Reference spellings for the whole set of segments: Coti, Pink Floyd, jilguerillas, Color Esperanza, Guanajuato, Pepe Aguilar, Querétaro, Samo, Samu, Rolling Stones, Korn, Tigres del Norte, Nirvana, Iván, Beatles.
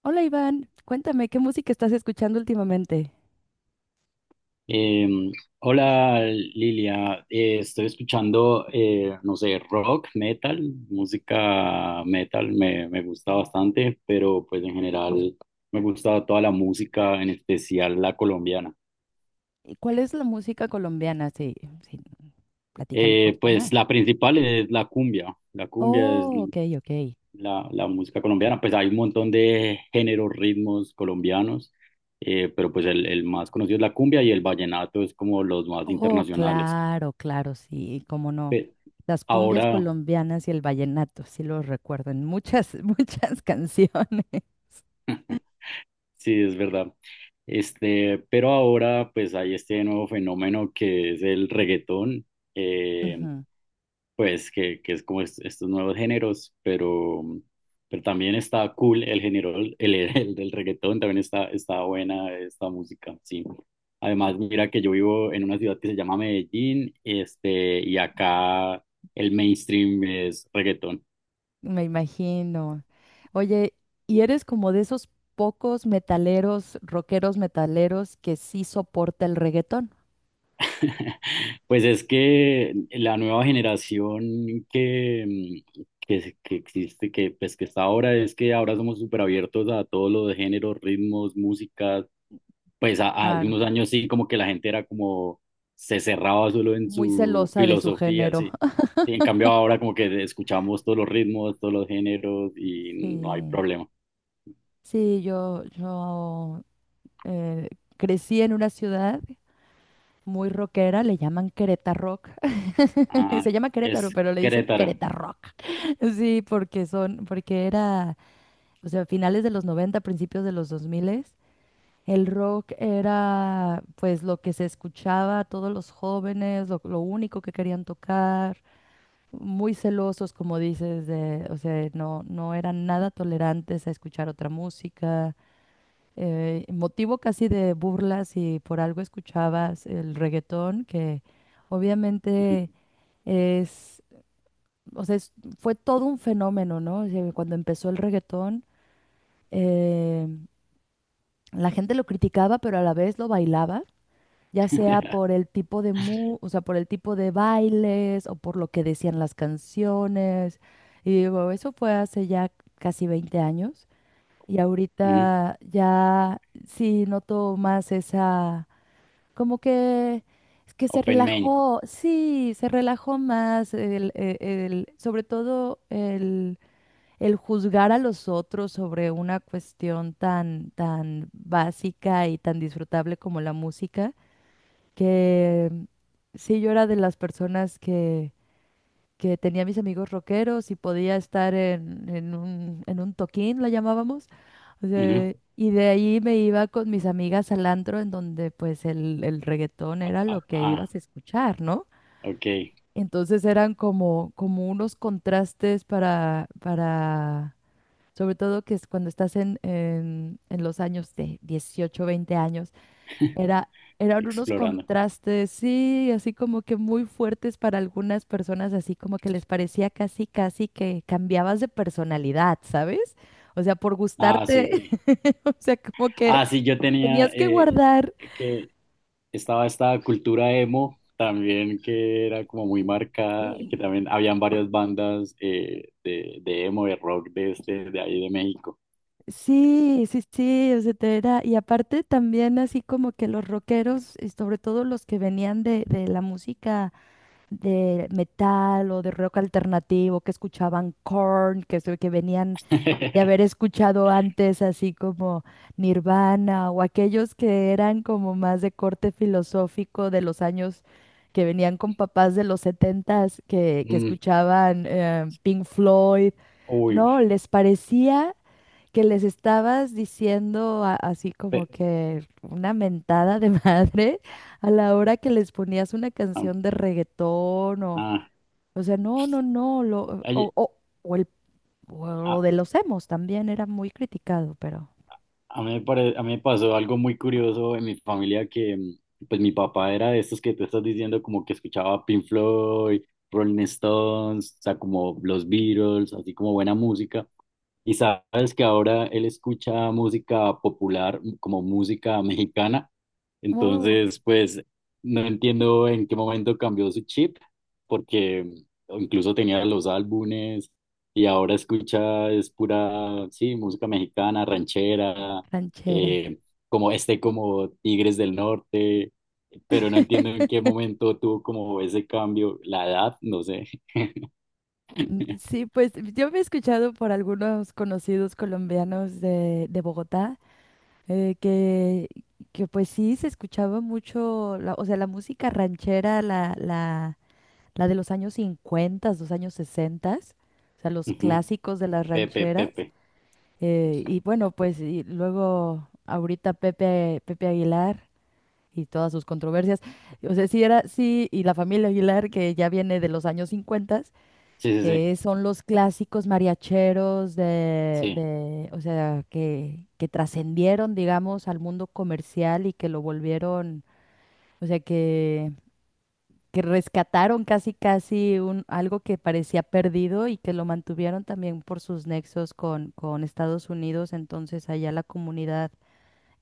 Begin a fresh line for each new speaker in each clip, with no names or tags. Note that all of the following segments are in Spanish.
Hola Iván, cuéntame, ¿qué música estás escuchando últimamente?
Eh, Hola Lilia. Estoy escuchando, no sé, rock, metal, música metal me gusta bastante, pero pues en general me gusta toda la música, en especial la colombiana.
¿Y cuál es la música colombiana? Sí, sí, platícame un poquito
Pues
más.
la principal es la cumbia es
Oh, ok, ok.
la música colombiana, pues hay un montón de géneros, ritmos colombianos, pero pues el más conocido es la cumbia y el vallenato es como los más
Oh,
internacionales.
claro, claro, sí, cómo no.
Pe-
Las cumbias
Ahora...
colombianas y el vallenato, sí los recuerdo en muchas, muchas canciones.
Sí, es verdad. Este, pero ahora pues hay este nuevo fenómeno que es el reggaetón, eh,
Ujú.
pues que es como estos nuevos géneros, pero también está cool el género, el del reggaetón, también está, está buena esta música, sí. Además, mira que yo vivo en una ciudad que se llama Medellín, este, y acá el mainstream es reggaetón.
Me imagino. Oye, ¿y eres como de esos pocos metaleros, rockeros metaleros que sí soporta el reggaetón?
Pues es que la nueva generación que existe, que está ahora, es que ahora somos súper abiertos a todos los géneros, ritmos, músicas. Pues hace
Claro.
unos años sí, como que la gente era como, se cerraba solo en
Muy
su
celosa de su
filosofía,
género.
sí. Y en cambio ahora como que escuchamos todos los ritmos, todos los géneros y no hay
Sí,
problema.
sí, yo eh, crecí en una ciudad muy rockera, le llaman Querétaro Rock.
Ah,
Se llama Querétaro,
es
pero le dicen
Querétaro.
Querétaro Rock. Sí, porque son, porque era, o sea, finales de los 90 principios de los 2000, el rock era pues lo que se escuchaba a todos los jóvenes, lo único que querían tocar. Muy celosos, como dices, de, o sea, no, no eran nada tolerantes a escuchar otra música, motivo casi de burlas y por algo escuchabas el reggaetón, que
Ujú,
obviamente es, o sea, fue todo un fenómeno, ¿no? O sea, cuando empezó el reggaetón, eh, la gente lo criticaba, pero a la vez lo bailaba. Ya sea por el tipo de o sea, por el tipo de bailes o por lo que decían las canciones. Y digo, eso fue hace ya casi 20 años y
ujú.
ahorita ya sí noto más esa, como que es que se
Open Main.
relajó, sí, se relajó más sobre todo el juzgar a los otros sobre una cuestión tan, tan básica y tan disfrutable como la música que sí, yo era de las personas que tenía mis amigos rockeros y podía estar en un toquín, la llamábamos. O
Ujú.
sea, y de ahí me iba con mis amigas al antro, en donde pues el reggaetón era
Ah,
lo que
ah,
ibas a escuchar, ¿no?
ok.
Entonces eran como, como unos contrastes para, sobre todo que es cuando estás en los años de 18 20 años era, eran unos
Explorando.
contrastes, sí, así como que muy fuertes para algunas personas, así como que les parecía casi, casi que cambiabas de personalidad, ¿sabes? O sea, por
Ah, sí, ok.
gustarte, o sea, como que
Ah, sí, yo tenía
tenías que
eh,
guardar.
que estaba esta cultura emo también que era como muy marcada, que también habían varias bandas de emo, de rock de este, de ahí de México.
Sí, sí, sí, o sea, y aparte también así como que los rockeros, y sobre todo los que venían de la música de metal o de rock alternativo, que escuchaban Korn, que, que venían de haber escuchado antes así como Nirvana o aquellos que eran como más de corte filosófico de los años que venían con papás de los setentas que
Mm,
escuchaban Pink Floyd,
uy,
no, les parecía que les estabas diciendo así como
pe-
que una mentada de madre a la hora que les ponías una
ah,
canción de reggaetón
ah,
o sea, no, no, no, lo, o,
oye,
o el o lo
ah,
de los emos también era muy criticado, pero...
A mí me pasó algo muy curioso en mi familia que, pues mi papá era de estos que tú estás diciendo, como que escuchaba Pink Floyd, Rolling Stones, o sea, como los Beatles, así como buena música. Y sabes que ahora él escucha música popular, como música mexicana.
Oh,
Entonces, pues no entiendo en qué momento cambió su chip, porque incluso tenía los álbumes y ahora escucha es pura, sí, música mexicana, ranchera
rancheras.
eh, como este como Tigres del Norte, pero no entiendo en qué momento tuvo como ese cambio, la edad, no sé.
Sí, pues yo me he escuchado por algunos conocidos colombianos de Bogotá eh, que, que pues sí se escuchaba mucho, o sea, la música ranchera, la de los años 50, los años 60, o sea, los
Ujú,
clásicos de las
Pepe,
rancheras.
Pepe.
Eh, y bueno, pues y luego ahorita Pepe, Pepe Aguilar y todas sus controversias. O sea, sí era, sí, y la familia Aguilar, que ya viene de los años 50,
Sí, sí,
que son los clásicos mariacheros
sí,
de, o sea, que trascendieron, digamos, al mundo comercial y que lo volvieron, o sea, que rescataron casi, casi un, algo que parecía perdido y que lo mantuvieron también por sus nexos con Estados Unidos. Entonces, allá la comunidad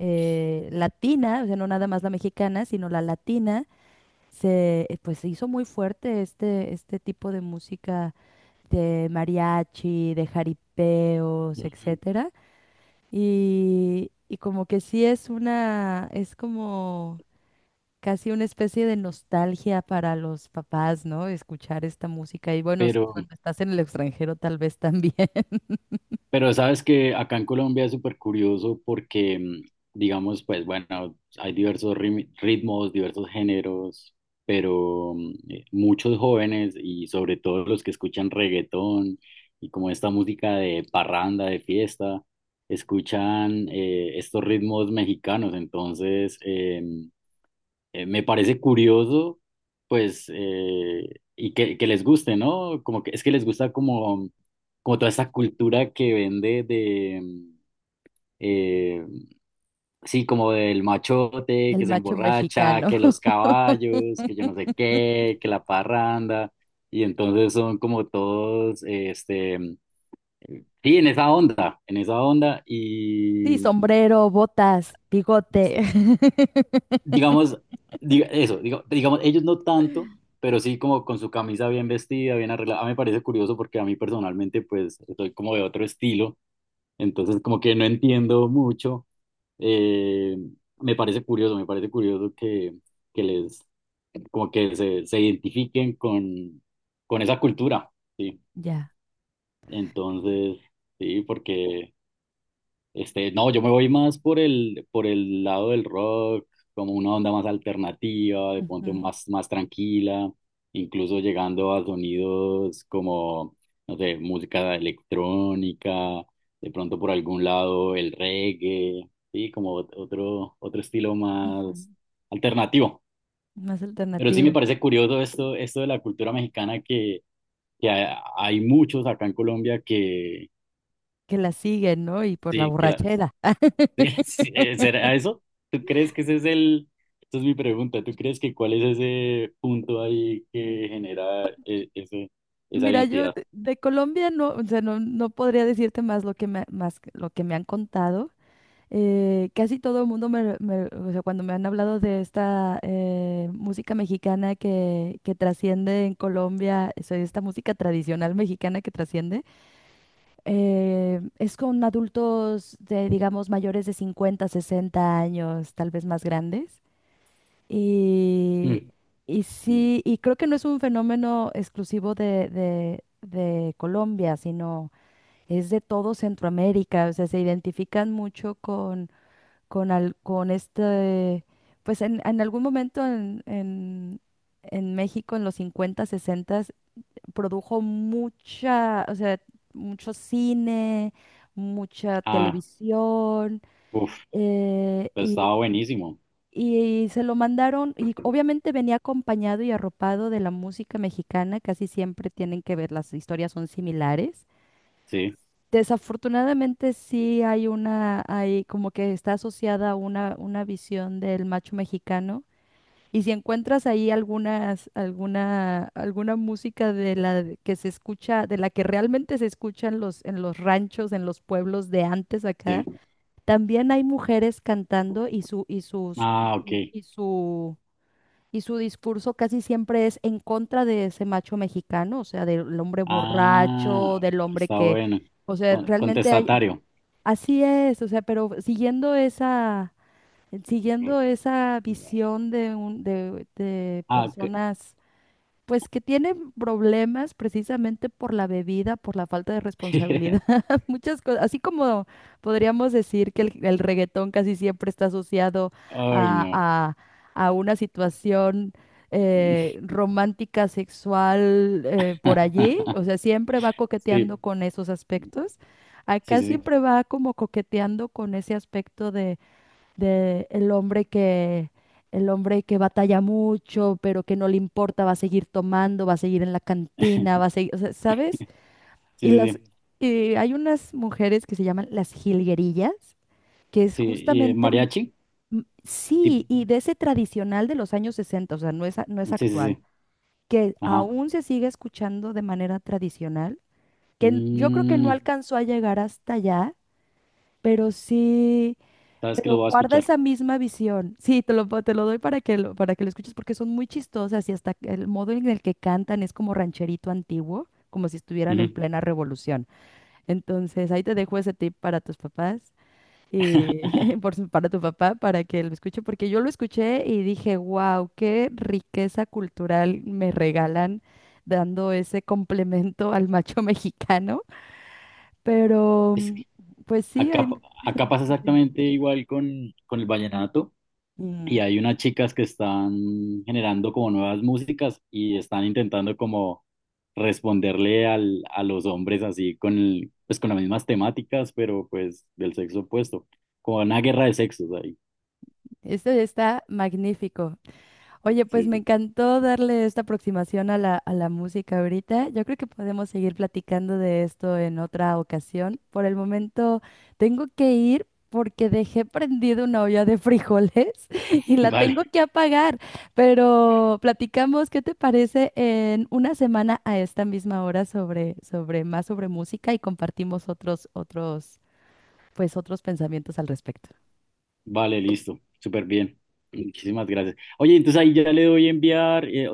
latina, o sea, no nada más la mexicana, sino la latina, pues se hizo muy fuerte este, este tipo de música de mariachi, de jaripeos,
sí.
etcétera. Y como que sí es una, es como casi una especie de nostalgia para los papás, ¿no? Escuchar esta música. Y bueno, sí,
Pero
cuando estás en el extranjero, tal vez también.
Pero sabes que acá en Colombia es súper curioso porque, digamos, pues bueno, hay diversos ritmos, diversos géneros, pero muchos jóvenes y sobre todo los que escuchan reggaetón y como esta música de parranda, de fiesta, escuchan estos ritmos mexicanos. Entonces, me parece curioso, pues, eh, y que les guste, ¿no? Como que es que les gusta como, como toda esta cultura que vende de, eh, sí, como del machote,
El
que se
macho
emborracha,
mexicano.
que los caballos, que yo no sé qué, que la parranda, y entonces son como todos, este, sí, en esa onda,
Sí,
y
sombrero, botas, bigote.
digamos, digamos, ellos no tanto, pero sí como con su camisa bien vestida, bien arreglada. A mí me parece curioso porque a mí personalmente, pues, soy como de otro estilo, entonces como que no entiendo mucho. Eh, Me parece curioso, me parece curioso que, como que se identifiquen con esa cultura, ¿sí?
Ya.
Entonces, sí, porque... Este, no, yo me voy más por el lado del rock, como una onda más alternativa, de pronto
Ujú,
más, más tranquila, incluso llegando a sonidos como, no sé, música electrónica, de pronto por algún lado el reggae, sí, como otro, otro estilo
ujú.
más alternativo.
Más
Pero sí me
alternativo.
parece curioso esto, esto de la cultura mexicana que, hay muchos acá en Colombia que,
Que la siguen, ¿no? Y por la
sí,
borrachera.
Sí, sí, ¿será eso? ¿Tú crees que ese es el... Esa es mi pregunta. ¿Tú crees que cuál es ese punto ahí que genera ese, esa
Mira, yo
identidad?
de Colombia no, o sea, no, no podría decirte más lo que me, lo que me han contado. Casi todo el mundo me, o sea, cuando me han hablado de esta música mexicana que trasciende en Colombia, o sea, esta música tradicional mexicana que trasciende, es con adultos de, digamos, mayores de 50, 60 años, tal vez más grandes.
Mm,
Y, y
mm.
sí, y creo que no es un fenómeno exclusivo de, de Colombia, sino es de todo Centroamérica. O sea, se identifican mucho con, con este, pues en algún momento en México, en los 50 60, produjo mucha, o sea, mucho cine, mucha
Ah,
televisión.
uff,
Eh,
pues estaba buenísimo.
y se lo mandaron, y obviamente venía acompañado y arropado de la música mexicana, casi siempre tienen que ver, las historias son similares.
Sí,
Desafortunadamente sí hay una, hay como que está asociada una visión del macho mexicano. Y si encuentras ahí algunas, alguna, alguna música de la que se escucha, de la que realmente se escucha en los ranchos, en los pueblos de antes
sí.
acá, también hay mujeres cantando y su,
Ah, ok.
y su y su discurso casi siempre es en contra de ese macho mexicano, o sea, del hombre borracho,
Ah,
del hombre
está
que,
bueno.
o sea,
Con-
realmente hay,
Contestatario.
así es, o sea, pero siguiendo esa visión de un, de
Ah, ok.
personas pues que tienen problemas precisamente por la bebida, por la falta de responsabilidad, muchas cosas. Así como podríamos decir que el reggaetón casi siempre está asociado
Ay,
a,
no.
a una situación romántica, sexual, por allí. O sea, siempre va
Sí,
coqueteando con esos aspectos.
sí,
Acá
sí, sí.
siempre va como coqueteando con ese aspecto de el hombre que batalla mucho, pero que no le importa, va a seguir tomando, va a seguir en la cantina, va a seguir, o sea, ¿sabes?
Sí,
Y
sí,
las
sí.
Sí. Y hay unas mujeres que se llaman las jilguerillas, que es
Sí, y,
justamente mm,
mariachi. Tip-
sí, y de ese tradicional de los años 60 o sea, no es
Sí, sí, sí.
actual, que
Ajá.
aún se sigue escuchando de manera tradicional, que yo creo que no
Mm,
alcanzó a llegar hasta allá, pero sí
sabes que lo
pero
voy a
guarda
escuchar.
esa misma visión. Sí, te lo doy para que lo escuches porque son muy chistosas y hasta el modo en el que cantan es como rancherito antiguo, como si estuvieran en
Ujú.
plena revolución. Entonces, ahí te dejo ese tip para tus papás y para tu papá para que lo escuche porque yo lo escuché y dije, "Wow, qué riqueza cultural me regalan dando ese complemento al macho mexicano." Pero
Es
mm,
que
pues sí,
acá,
hay
acá pasa exactamente igual con el vallenato y
Mm.
hay unas chicas que están generando como nuevas músicas y están intentando como responderle al, a los hombres así con, pues con las mismas temáticas, pero pues del sexo opuesto, como una guerra de sexos ahí.
Esto está magnífico. Oye, pues me
Sí.
encantó darle esta aproximación a la música ahorita. Yo creo que podemos seguir platicando de esto en otra ocasión. Por el momento tengo que ir porque dejé prendida una olla de frijoles y la
Vale,
tengo que apagar. Pero platicamos, ¿qué te parece en una semana a esta misma hora sobre, sobre más sobre música y compartimos otros, otros, pues otros pensamientos al respecto?
vale, listo, súper bien. Muchísimas gracias. Oye, entonces ahí ya le doy enviar, o